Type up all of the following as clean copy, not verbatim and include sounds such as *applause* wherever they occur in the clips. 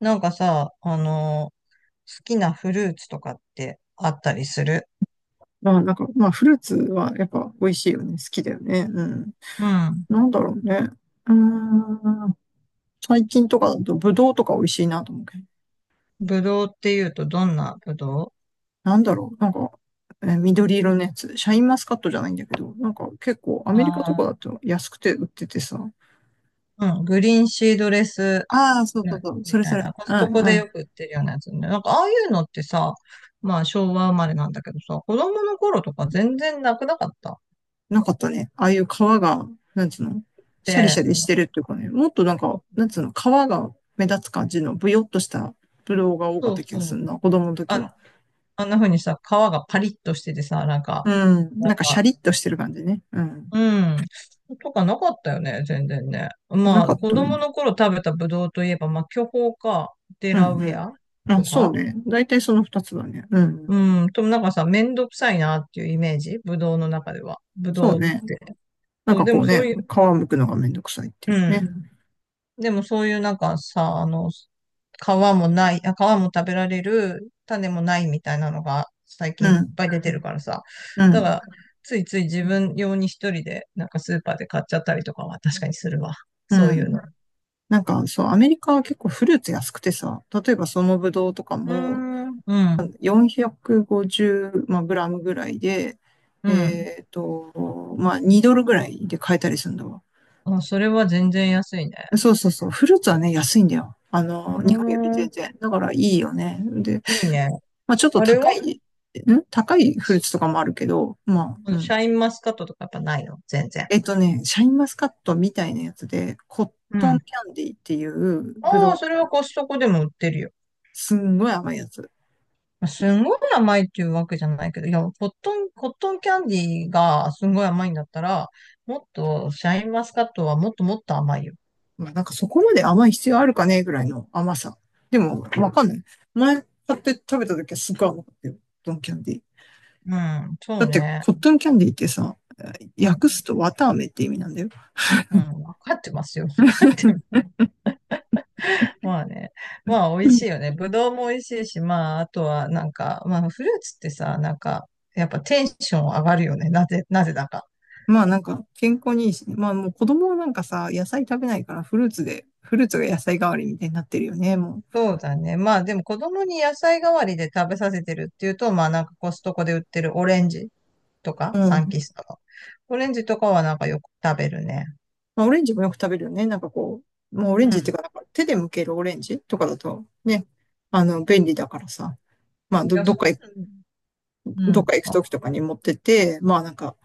なんかさ、好きなフルーツとかってあったりする？まあなんか、まあフルーツはやっぱ美味しいよね。好きだよね。うん。うん。なんだろうね。うーん。最近とかだとブドウとか美味しいなと思うけど。ぶどうっていうとどんなぶどう？なんだろう。なんか、緑色のやつ。シャインマスカットじゃないんだけど、なんか結構アメリカとかあだと安くて売っててさ。あー、うん。グリーンシードレス、ああ、そううそうんそう。そみれそたいれ。な。コうストんコうでよん。く売ってるようなやつね。なんかああいうのってさ、まあ昭和生まれなんだけどさ、子供の頃とか全然なくなかった？なかったね。ああいう皮が、なんつうの、シャリシャで、リしてるっていうかね。もっとなんか、なんつうの、皮が目立つ感じのブヨっとしたブドウが多かっそうた気がそするう。な。子供の時あ、は。あんな風にさ、皮がパリッとしててさ、なんか、うん。なんなんかシャか、リッとしてる感じね。うん。うん。とかなかったよね、全然ね。なまあ、かっ子た供ね。の頃食べたブドウといえば、まあ、巨峰か、デうラんウェうアん。あ、とそうか。ね。大体その二つだね。うん。うん。ともなんかさ、めんどくさいなっていうイメージ、ブドウの中では。ブそドうウね。って。なんそう、かでこもうそね、ういう、皮むくのがめんどくさいっていううね。ん。でもそういうなんかさ、あの、皮もない、あ、皮も食べられる、種もないみたいなのが最う近いっん。ぱい出うてるかん。らさ。だから、ついつい自分用に一人で、なんかスーパーで買っちゃったりとかは確かにするわ。うそういうん。の。なんかそう、アメリカは結構フルーツ安くてさ、例えばそのブドウとかうーもん、うん、450、まあ、グラムぐらいで、うん。えっと、まあ2ドルぐらいで買えたりするんだわ。あ、それは全然安いね。そうそうそう。フルーツはね、安いんだよ。あうの、日本よりーん、全然。だからいいよね。で、いいね。まあちょっとあれ高は？い、高いフルーツとかもあるけど、まあ、あうのシん。ャインマスカットとかやっぱないの全然？えっとね、シャインマスカットみたいなやつで、コッうトンん。キャンディーっていうぶどああ、う、それはコストコでも売ってるよ。すんごい甘いやつ。まあすんごい甘いっていうわけじゃないけど、いや、コットンキャンディーがすんごい甘いんだったら、もっと、シャインマスカットはもっともっと甘いよ。まあなんかそこまで甘い必要あるかねぐらいの甘さ。でも、わかんない。前買って食べた時はすっごい甘かったよ。コットンキャンディー。うん、そだっうて、ね。コットンキャンディーってさ、うん、訳すと綿飴って意味なんだよ。うん、わかってますよ。わかって、まあね。まあ美味しいよね。ぶどうも美味しいし、まああとはなんか、まあフルーツってさ、なんか、やっぱテンション上がるよね。なぜだか。まあなんか健康にいいしね。まあもう子供はなんかさ、野菜食べないからフルーツで、フルーツが野菜代わりみたいになってるよね、もそうだね。まあでも子供に野菜代わりで食べさせてるっていうと、まあなんかコストコで売ってるオレンジとか、う。うサンキん。ストの。オレンジとかはなんかよく食べるね。まあオレンジもよく食べるよね。なんかこう、もうオレうん。ンジいっていうか、なんか手で剥けるオレンジとかだとね、便利だからさ。まあや、そういうの、どうっん。か行くあ、時とかに持ってて、まあなんか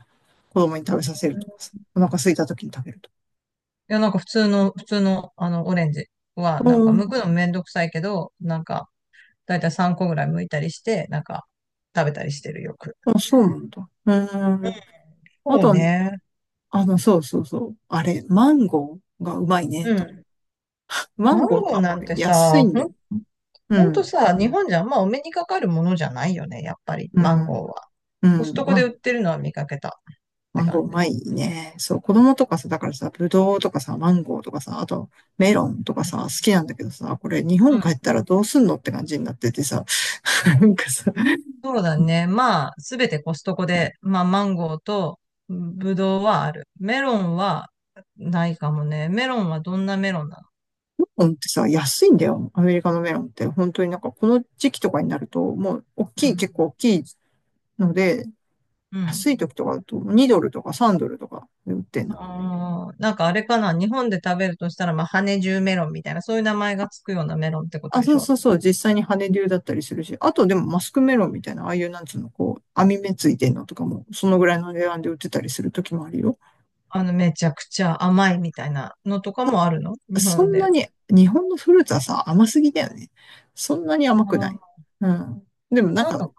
子供に食べさせるとかさ。お腹空いた時に食べるとか。いや、なんか普通の、あの、オレンジは、なんかうん。剥くのめんどくさいけど、なんか、だいたい3個ぐらい剥いたりして、なんか食べたりしてるよく。あ、そうなんだ。うん。あそうとはね、ね。そうそうそう。あれ、マンゴーがうまいね、うと。ん。ママンンゴーとゴかーなもんて安いさ、んほで。ん、うほんとん。さ、日本じゃあんまお目にかかるものじゃないよね、やっぱり、うマンん。ゴーは。うコストん。コまで売あ、ってるのは見かけたっマてンゴーう感じ。まいね。そう、子供とかさ、だからさ、ブドウとかさ、マンゴーとかさ、あとメロンとかさ、好きなんだけどさ、これ日う本帰っん。たらどうすんのって感じになっててさ、*laughs* なんかさ、そうだメね。まあ、すべてコストコで、まあ、マンゴーとブドウはある。メロンはないかもね。メロンはどんなメロンなの？ロンってさ、安いんだよ。アメリカのメロンって。本当になんかこの時期とかになると、もう大うきい、ん。結構大きいので、うん。安い時とかだと2ドルとか3ドルとかで売ってんの。あー、なんかあれかな、日本で食べるとしたら、まあ、羽十メロンみたいな、そういう名前がつくようなメロンってことあ、でそしうょ？そうそう、実際に羽竜だったりするし、あとでもマスクメロンみたいな、ああいうなんつうの、こう、網目ついてんのとかも、そのぐらいの値段で売ってたりする時もあるよ。あの、めちゃくちゃ甘いみたいなのとかもあるの日そ本んで？なに、あ日本のフルーツはさ、甘すぎだよね。そんなに甘くない。ー、うん。でもなんなんか、か、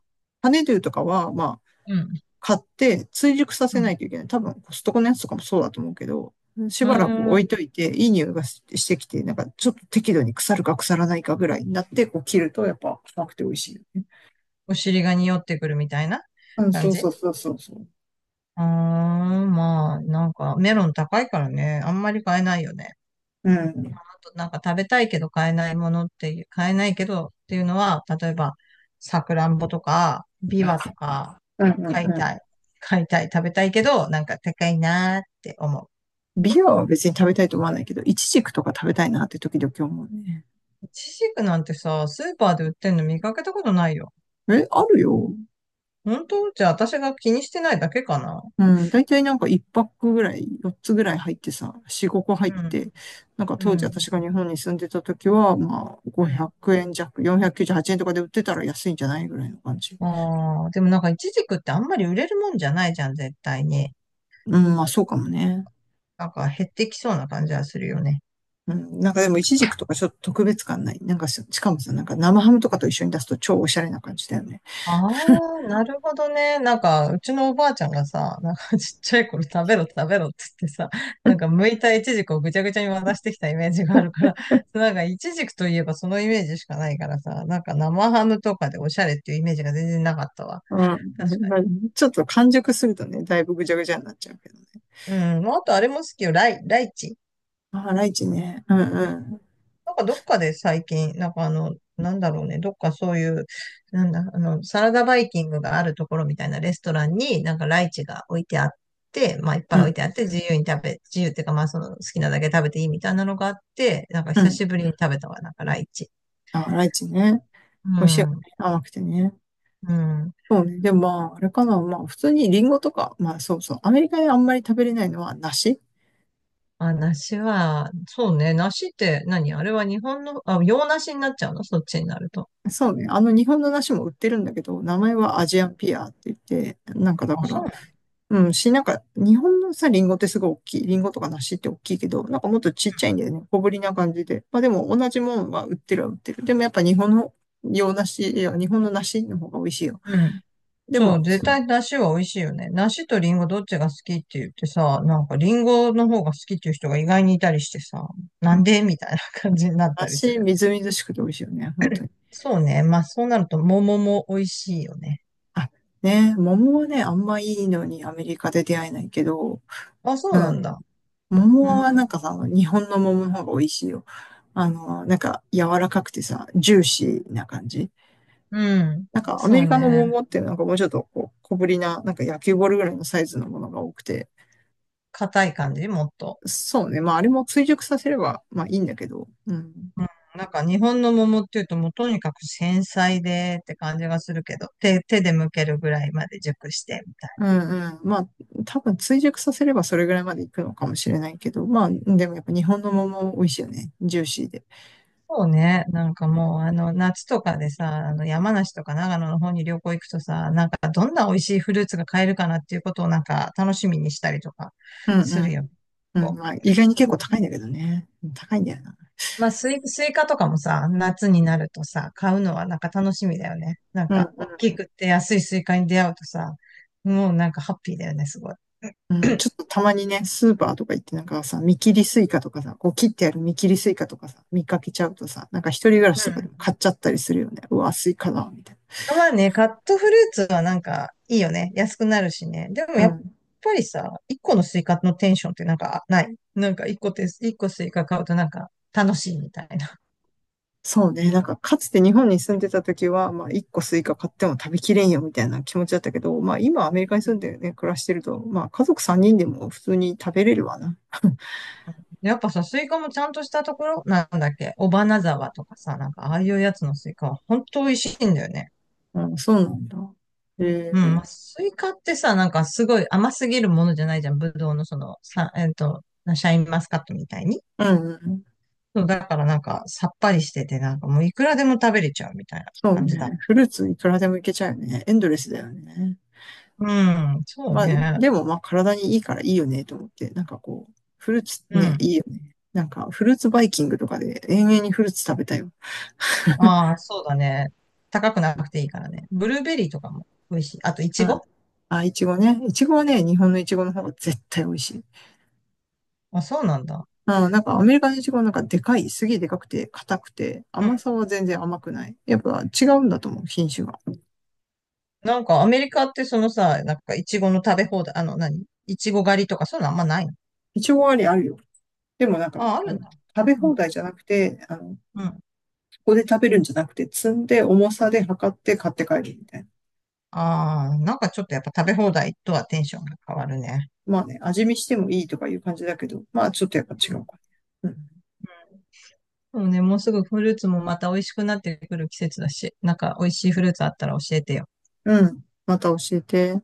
羽竜とかは、まあ、うん、買って追熟さうせなん。いといけない。多分、コストコのやつとかもそうだと思うけど、しうーばらく置いん、といて、いい匂いがしてきて、なんかちょっと適度に腐るか腐らないかぐらいになって、こう切ると、やっぱ甘くて美味しいよね。お尻が匂ってくるみたいなうん、感そうじ？そうそうそうそう。あー、まあ、なんか、メロン高いからね、あんまり買えないよね。うん。なんか食べたいけど買えないものっていう、買えないけどっていうのは、例えば、さくらんぼとか、ビあ、ワとか、うんう買いんうん。たい、買いたい、食べたいけど、なんか高いなーって思ビアは別に食べたいと思わないけど、イチジクとか食べたいなって時々思うね。う。イチジクなんてさ、スーパーで売ってんの見かけたことないよ。え、あるよ。本当？じゃあ私が気にしてないだけかな。うん。だいたいなんか一パックぐらい、四つぐらい入ってさ、四五個入っうん、て、なんかう当時ん、私が日本に住んでた時は、まあ、う500ん。円弱、498円とかで売ってたら安いんじゃないぐらいの感じ。ああ、でもなんかイチジクってあんまり売れるもんじゃないじゃん、絶対に。うん、まあそうかもね。なんか減ってきそうな感じはするよね。うん、なんかでもイチジクとかちょっと特別感ない。なんかしかもさ、なんか生ハムとかと一緒に出すと超おしゃれな感じだよね。ああ、なるほどね。なんか、うちのおばあちゃんがさ、なんかちっちゃい頃食べろ食べろって言ってさ、なんか剥いたイチジクをぐちゃぐちゃに渡してきたイメージがあるから、なんかイチジクといえばそのイメージしかないからさ、なんか生ハムとかでおしゃれっていうイメージが全然なかったわ。うん。確かまあに。ちょっと完熟するとね、だいぶぐちゃぐちゃになっちゃうけどね。うん。まああとあれも好きよ。ライチ。あ、ライチね。うんうん。なんかどっかで最近、なんかあの、なんだろうね、どっかそういう、なんだ、あの、サラダバイキングがあるところみたいなレストランになんかライチが置いてあって、まあいっぱうい置いん。てあって自由に食べ、自由っていうかまあその好きなだけ食べていいみたいなのがあって、なんかう久ん。しぶりに食べたわ、なんかライチ。あ、ライチね。う美味しいよん、ね。甘くてね。うん。そうね。でもまあ、あれかな。まあ、普通にリンゴとか、まあそうそう。アメリカであんまり食べれないのは梨。あ、梨は、そうね、梨って何？あれは日本の、あ、洋梨になっちゃうのそっちになると？そうね。あの日本の梨も売ってるんだけど、名前はアジアンピアって言って、なんかだあ、かそら、うなうん、なんか、日本のさ、リンゴってすごい大きい。リンゴとか梨って大きいけど、なんかもっとちっちゃいんだよね。小ぶりな感じで。まあでも、同じもんは売ってるは売ってる。でもやっぱ日本の洋梨、いや、日本の梨の方が美味しいよ。の？でそも、う、絶対梨は美味しいよね。梨とリンゴどっちが好きって言ってさ、なんかリンゴの方が好きっていう人が意外にいたりしてさ、なうんんでみたいな感じになったりす梨、る。みずみずしくて美味しいよね、本当に。そうね。まあそうなると桃も美味しいよね。あ、ね、桃はね、あんまいいのにアメリカで出会えないけど、あ、そううなん、んだ。桃うん。はなんかさ、日本の桃の方が美味しいよ。なんか柔らかくてさ、ジューシーな感じ。うん。なんかアメそうリカのね。桃ってなんかもうちょっとこう小ぶりな、なんか野球ボールぐらいのサイズのものが多くて、硬い感じもっと。そうね。まああれも追熟させればまあいいんだけど、うん。なんか日本の桃っていうともうとにかく繊細でって感じがするけど、手で剥けるぐらいまで熟してみたいうな。んうん。まあ多分追熟させればそれぐらいまでいくのかもしれないけど、まあでもやっぱ日本の桃美味しいよね。ジューシーで。そうね。なんかもう、あの、夏とかでさ、あの、山梨とか長野の方に旅行行くとさ、なんかどんな美味しいフルーツが買えるかなっていうことをなんか楽しみにしたりとかうんうするん。よ。うん、まあ意外に結構高いんだけどね。高いんだよな。まあ、スイカとかもさ、夏になるとさ、買うのはなんか楽しみだよね。なんうか、ん大きくて安いスイカに出会うとさ、もうなんかハッピーだよね、すごい。うん、ち *clears throat* ょっとたまにね、スーパーとか行ってなんかさ、見切りスイカとかさ、こう切ってある見切りスイカとかさ、見かけちゃうとさ、なんか一人暮らうしとかでん。も買っちゃったりするよね。うわ、スイカだ、みたいまあね、カットフルーツはなんかいいよね。安くなるしね。でもな。うやっん。ぱりさ、一個のスイカのテンションってなんかない、なんか一個スイカ買うとなんか楽しいみたいな。そうね。なんかかつて日本に住んでた時は、まあ一個スイカ買っても食べきれんよ、みたいな気持ちだったけど、まあ今アメリカにう住ん、んでね、暮らしてると、まあ家族3人でも普通に食べれるわな。やっぱさ、スイカもちゃんとしたところ、なんだっけ、尾花沢とかさ、なんかああいうやつのスイカは本当美味しいんだよね。うん、そうなんだ。うえん、まー、あスイカってさ、なんかすごい甘すぎるものじゃないじゃん。ぶどうのその、さ、シャインマスカットみたいに。うん、うん。そう、だからなんかさっぱりしてて、なんかもういくらでも食べれちゃうみたいなそう感じだ。ね。フルーツいくらでもいけちゃうよね。エンドレスだよね。うん、そうまあ、ね。でもまあ体にいいからいいよねと思って、なんかこう、フルーツうね、ん。いいよね。なんかフルーツバイキングとかで延々にフルーツ食べたよ。ああ、そうだね。高くなくていいからね。ブルーベリーとかも美味しい。あと、イうチん。ゴ。あ、いちごね。いちごはね、日本のいちごの方が絶対美味しい。あ、そうなんだ。うん、なんかアな、メリカのいちごなんかでかい、すげえでかくて、硬くて、うん。甘さは全然甘くない。やっぱ違うんだと思う、品種が。なんか、アメリカってそのさ、なんか、イチゴの食べ放題、あの、何イチゴ狩りとか、そういうのあんまないの？いちごあるよ。でもなんか、ああ、あるんのだ。食べうん。放題じゃなくて、あの、うん。ここで食べるんじゃなくて、積んで重さで測って買って帰るみたいな。ああ、なんかちょっとやっぱ食べ放題とはテンションが変わるね。まあね、味見してもいいとかいう感じだけど、まあちょっとやっぱ違ううん。かね。そうね、もうすぐフルーツもまた美味しくなってくる季節だし、なんか美味しいフルーツあったら教えてよ。うん。うん。また教えて。